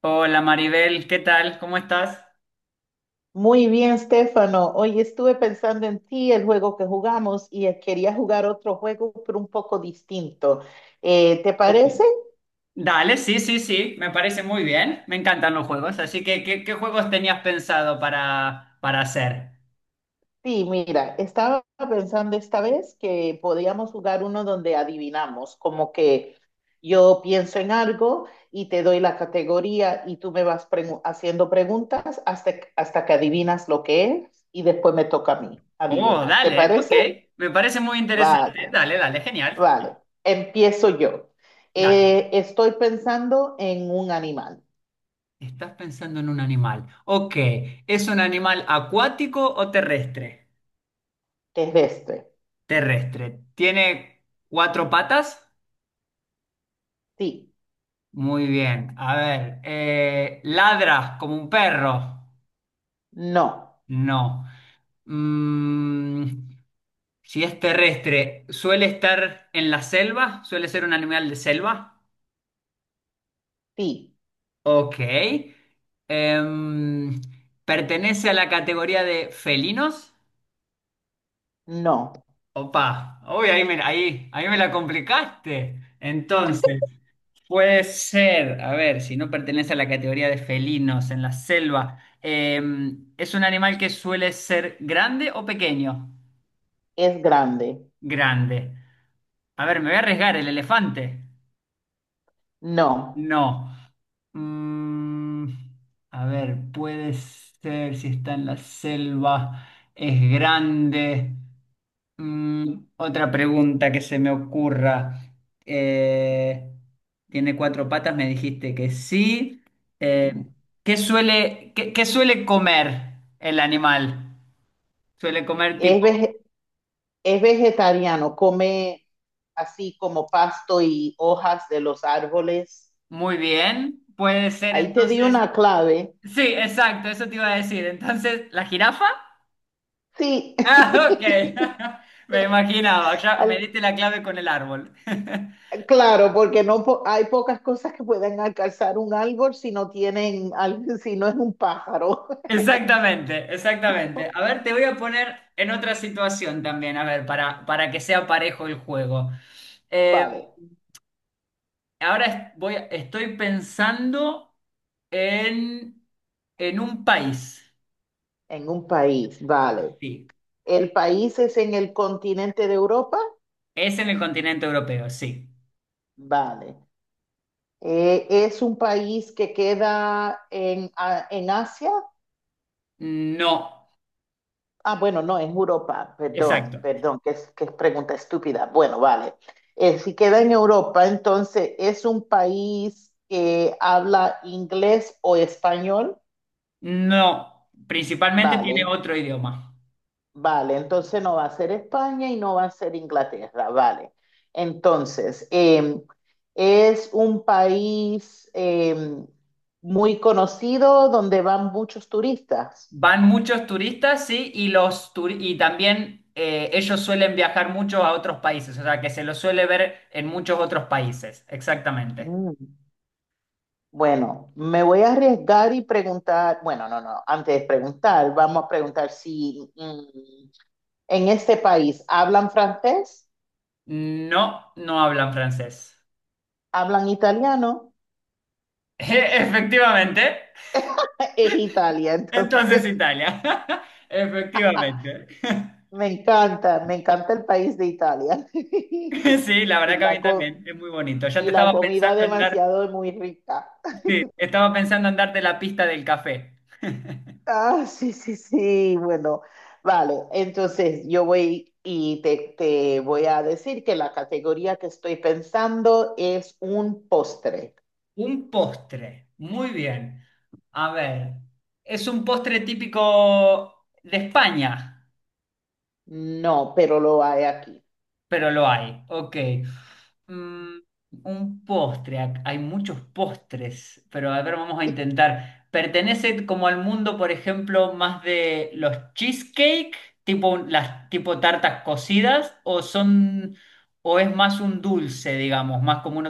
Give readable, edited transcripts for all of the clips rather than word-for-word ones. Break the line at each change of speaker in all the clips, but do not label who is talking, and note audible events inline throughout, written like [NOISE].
Hola Maribel, ¿qué tal? ¿Cómo estás?
Muy bien, Stefano. Hoy estuve pensando en ti, el juego que jugamos, y quería jugar otro juego, pero un poco distinto. ¿Te
Ok.
parece?
Dale, sí, sí, sí, me parece muy bien. Me encantan los juegos, así que ¿qué juegos tenías pensado para hacer?
Sí, mira, estaba pensando esta vez que podíamos jugar uno donde adivinamos, como que yo pienso en algo y te doy la categoría y tú me vas haciendo preguntas hasta que adivinas lo que es y después me toca a mí
Oh,
adivinar. ¿Te
dale, ok,
parece?
me parece muy
Vale.
interesante. Dale, dale, genial.
Vale, empiezo yo.
Dale,
Estoy pensando en un animal
estás pensando en un animal. Ok, ¿es un animal acuático o terrestre?
terrestre.
Terrestre. ¿Tiene cuatro patas?
Sí,
Muy bien. A ver, ¿ladra como un perro?
no,
No. Mm, Si es terrestre, ¿suele estar en la selva? ¿Suele ser un animal de selva?
sí,
Ok. Em, ¿Pertenece a la categoría de felinos?
no.
Opa, uy, ahí me la complicaste. Entonces, puede ser, a ver, si no pertenece a la categoría de felinos en la selva, ¿es un animal que suele ser grande o pequeño?
Es grande,
Grande. A ver, me voy a arriesgar, ¿el elefante?
no.
No. Mm, a ver, puede ser si está en la selva, es grande. Mm, otra pregunta que se me ocurra. Eh, ¿Tiene cuatro patas? Me dijiste que sí.
Sí.
Eh, ¿Qué suele, qué suele comer el animal? ¿Suele comer
Es,
tipo...
vege- es vegetariano, come así como pasto y hojas de los árboles.
Muy bien, puede ser
Ahí te di
entonces...
una clave.
Sí, exacto, eso te iba a decir. Entonces, ¿la jirafa?
Sí,
Ah, ok.
[LAUGHS]
[LAUGHS] Me imaginaba, ya me
Al-
diste la clave con el árbol. [LAUGHS]
claro, porque no po- hay pocas cosas que pueden alcanzar un árbol si no tienen, si no es un pájaro.
Exactamente, exactamente. A
[LAUGHS]
ver, te voy a poner en otra situación también, a ver, para que sea parejo el juego. Eh,
Vale.
voy, estoy pensando en, en un país.
En un país, vale.
Sí.
¿El país es en el continente de Europa?
Es en el continente europeo, sí.
Vale. ¿Es un país que queda en, en Asia?
No,
Ah, bueno, no, en Europa,
exacto.
perdón, que es pregunta estúpida. Bueno, vale. Si queda en Europa, entonces, ¿es un país que habla inglés o español?
No, principalmente
Vale.
tiene otro idioma.
Vale, entonces no va a ser España y no va a ser Inglaterra, vale. Entonces, es un país muy conocido donde van muchos turistas.
Van muchos turistas, sí, y, y también ellos suelen viajar mucho a otros países, o sea que se los suele ver en muchos otros países, exactamente.
Mm, bueno, me voy a arriesgar y preguntar, bueno, no, antes de preguntar, vamos a preguntar si en este país hablan francés,
No, no hablan francés.
hablan italiano,
[LAUGHS] Efectivamente.
[LAUGHS] es Italia,
Entonces
entonces.
Italia. [LAUGHS]
[LAUGHS]
Efectivamente. [LAUGHS]
Me encanta el país de Italia. [LAUGHS]
Sí, la
Y
verdad que a
la,
mí
co-
también, es muy bonito. Ya
y
te
la
estaba
comida
pensando en dar,
demasiado es muy rica.
sí,
[LAUGHS]
estaba pensando en darte la pista del café. [LAUGHS]
Ah, sí, sí, sí, bueno, vale. Entonces yo voy y te voy a decir que la categoría que estoy pensando es un postre.
Un postre. Muy bien. A ver, es un postre típico de España,
No, pero lo hay aquí.
pero lo hay. Ok. Mm, un postre. Hay muchos postres, pero a ver, vamos a
[LAUGHS]
intentar. ¿Pertenece como al mundo, por ejemplo, más de los cheesecake, las tipo tartas cocidas, o es más un dulce, digamos, más común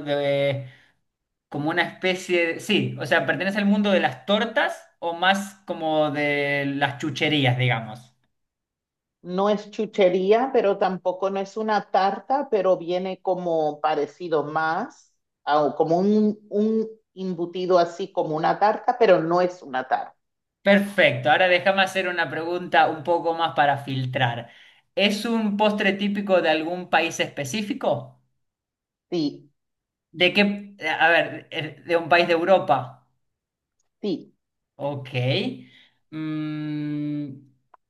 como una especie de... Sí, o sea, ¿pertenece al mundo de las tortas o más como de las chucherías, digamos?
No es chuchería, pero tampoco no es una tarta, pero viene como parecido más, como un embutido así como una tarta, pero no es una tarta.
Perfecto, ahora déjame hacer una pregunta un poco más para filtrar. ¿Es un postre típico de algún país específico?
Sí,
¿De qué? A ver, ¿de un país de Europa?
sí.
Ok. Mm,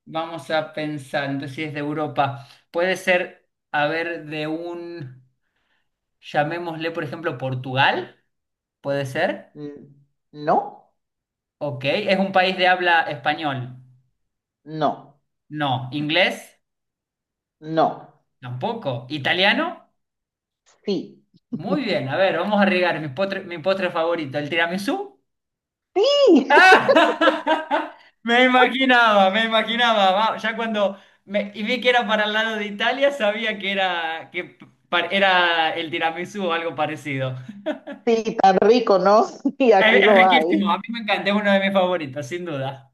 vamos a pensar, entonces si es de Europa, puede ser, a ver, llamémosle, por ejemplo, Portugal, ¿puede ser?
Mm, no,
Ok, ¿es un país de habla español?
no,
No. ¿Inglés?
no.
Tampoco. ¿Italiano?
Sí.
Muy bien, a ver, vamos a arriesgar mi postre favorito, el tiramisú.
Sí,
¡Ah! [LAUGHS] Me imaginaba, me imaginaba. Va, Ya cuando me, y vi que era para el lado de Italia, sabía que era, que era el tiramisú o algo parecido. [LAUGHS]
[LAUGHS] sí, tan rico, ¿no? [LAUGHS] Y aquí
Es
lo hay.
riquísimo, a mí me encanta, es uno de mis favoritos, sin duda.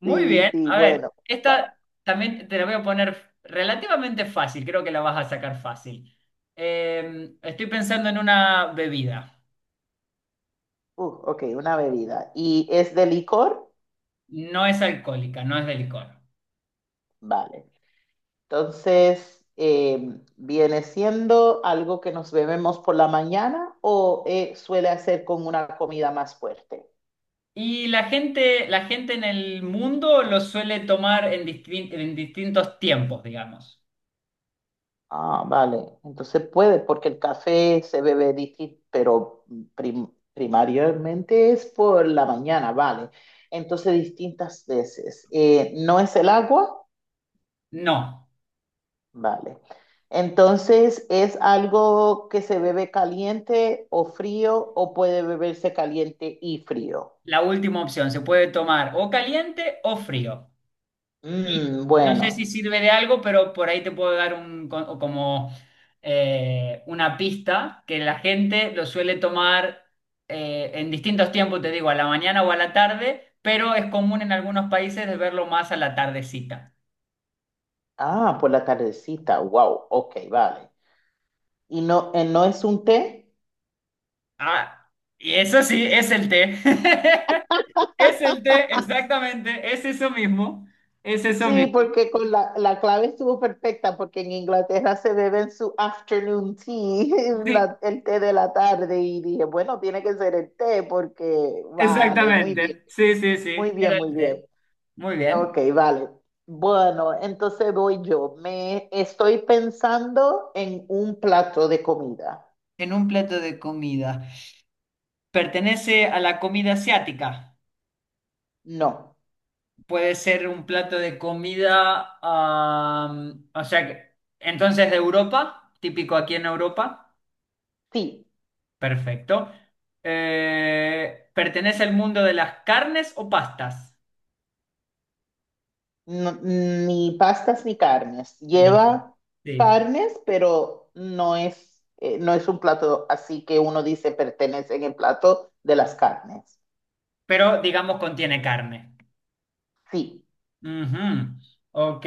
Muy
Sí,
bien,
sí,
a ver,
bueno. Va.
esta también te la voy a poner relativamente fácil, creo que la vas a sacar fácil. Estoy pensando en una bebida,
Ok, una bebida. ¿Y es de licor?
no es alcohólica, no es de licor.
Vale. Entonces, ¿viene siendo algo que nos bebemos por la mañana o suele hacer con una comida más fuerte?
Y la gente en el mundo lo suele tomar en distintos tiempos, digamos.
Ah, vale. Entonces puede, porque el café se bebe distinto, pero primariamente es por la mañana, vale. Entonces, distintas veces. ¿No es el agua?
No,
Vale. Entonces, ¿es algo que se bebe caliente o frío o puede beberse caliente y frío?
la última opción, se puede tomar o caliente o frío. Y
Mm,
no sé si
bueno,
sirve de algo, pero por ahí te puedo dar o como una pista que la gente lo suele tomar en distintos tiempos, te digo, a la mañana o a la tarde, pero es común en algunos países de verlo más a la tardecita.
ah, por la tardecita, wow, ok, vale. ¿Y no, no es un té?
Ah, y eso sí, es el té. [LAUGHS] Es el té, exactamente, es eso mismo, es eso
Sí,
mismo.
porque con la clave estuvo perfecta, porque en Inglaterra se beben su afternoon tea, [LAUGHS]
Sí,
el té de la tarde, y dije, bueno, tiene que ser el té, porque vale, muy bien,
exactamente, sí, sí,
muy
sí,
bien,
era
muy
el té.
bien.
Muy
Ok,
bien.
vale. Bueno, entonces voy yo. Me estoy pensando en un plato de comida.
En un plato de comida. Pertenece a la comida asiática.
No,
Puede ser un plato de comida, o sea, entonces de Europa, típico aquí en Europa.
sí.
Perfecto. ¿Pertenece al mundo de las carnes o pastas?
No, ni pastas ni carnes.
Ni-
Lleva
Sí.
carnes, pero no es, no es un plato así que uno dice pertenece en el plato de las carnes.
Pero digamos contiene carne.
Sí,
Ujú. Ok.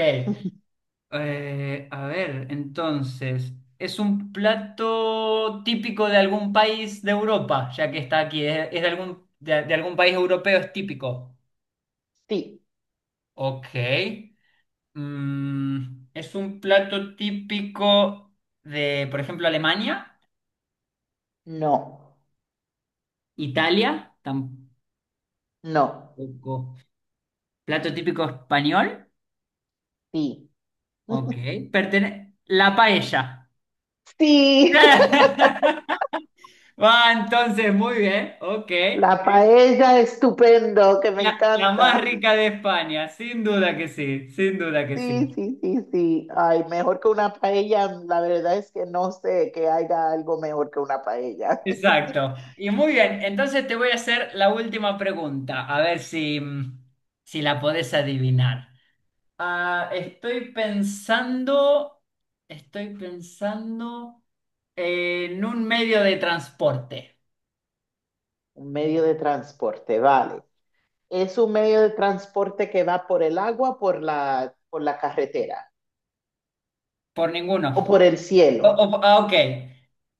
A ver, entonces, ¿es un plato típico de algún país de Europa, ya que está aquí? Es de algún, de algún país europeo? ¿Es típico?
sí,
Ok. Mm, ¿es un plato típico de, por ejemplo, Alemania?
no,
¿Italia?
no,
Tampoco. ¿Plato típico español?
sí.
Ok.
[LAUGHS]
La paella.
Sí, [LAUGHS]
[LAUGHS] Va, entonces, muy bien. Ok.
la paella estupendo, que me
La más
encanta.
rica de España, sin duda que sí, sin duda que sí.
Sí, sí, sí, sí. Ay, mejor que una paella, la verdad es que no sé que haya algo mejor que una paella.
Exacto.
[LAUGHS]
Y muy bien, entonces te voy a hacer la última pregunta, a ver si, mm, si la podés adivinar. Ah, estoy pensando en un medio de transporte,
Un medio de transporte, vale. Es un medio de transporte que va por el agua, por la carretera
por
o
ninguno.
por el cielo.
Ah, ok,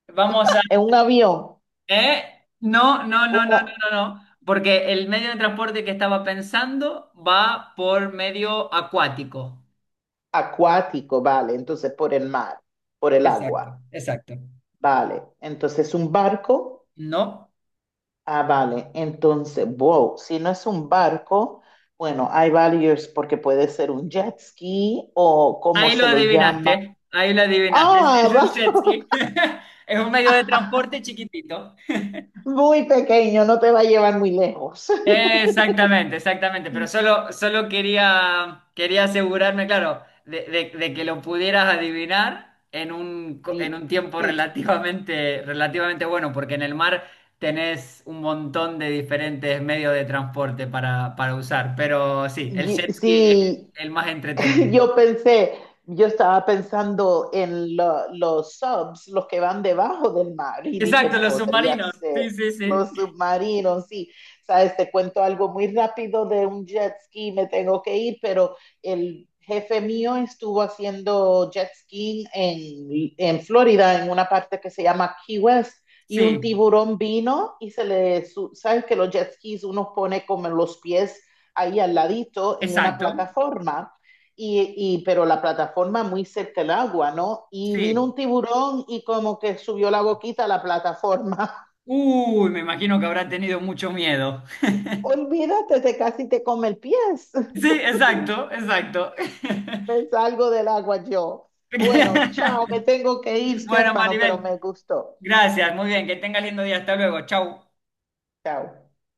vamos a...
En un avión,
¿Eh? No, no, no, no, no,
un
no, no, porque el medio de transporte que estaba pensando va por medio acuático.
acuático, vale, entonces por el mar, por el
Exacto,
agua,
exacto.
vale. Entonces un barco,
No,
ah, vale. Entonces, wow, si no es un barco, bueno, hay varios porque puede ser un jet ski o cómo se le llama.
ahí lo adivinaste,
Ah,
es un
va-
jet ski, [LAUGHS] es un medio de transporte
[LAUGHS]
chiquitito.
muy pequeño, no te va a llevar muy lejos. [LAUGHS]
Exactamente, exactamente, pero solo, solo quería, quería asegurarme, claro, de que lo pudieras adivinar en un, en
Sí,
un tiempo
sí.
relativamente, relativamente bueno, porque en el mar tenés un montón de diferentes medios de transporte para usar, pero sí, el jet ski es
Sí,
el más
[LAUGHS]
entretenido.
yo pensé, yo estaba pensando en los subs, los que van debajo del mar, y
Exacto,
dije,
los
podría
submarinos, sí,
ser
sí, sí,
los submarinos, sí. Sabes, te cuento algo muy rápido de un jet ski, me tengo que ir, pero el jefe mío estuvo haciendo jet ski en Florida, en una parte que se llama Key West. Y un
sí,
tiburón vino y sabes que los jet skis uno pone como en los pies ahí al ladito en una
exacto,
plataforma, pero la plataforma muy cerca del agua, ¿no? Y vino
sí.
un tiburón y como que subió la boquita a la plataforma. [LAUGHS]
Uy, me imagino que habrá tenido mucho miedo. [LAUGHS]
Olvídate, te casi te come el pie. [LAUGHS]
Sí, exacto, exacto.
Me salgo del agua yo. Bueno, chao, me
[LAUGHS]
tengo que ir,
Bueno,
Stefano, pero
Maribel,
me gustó.
gracias. Muy bien, que tengas lindo día. Hasta luego. Chau.
Chao.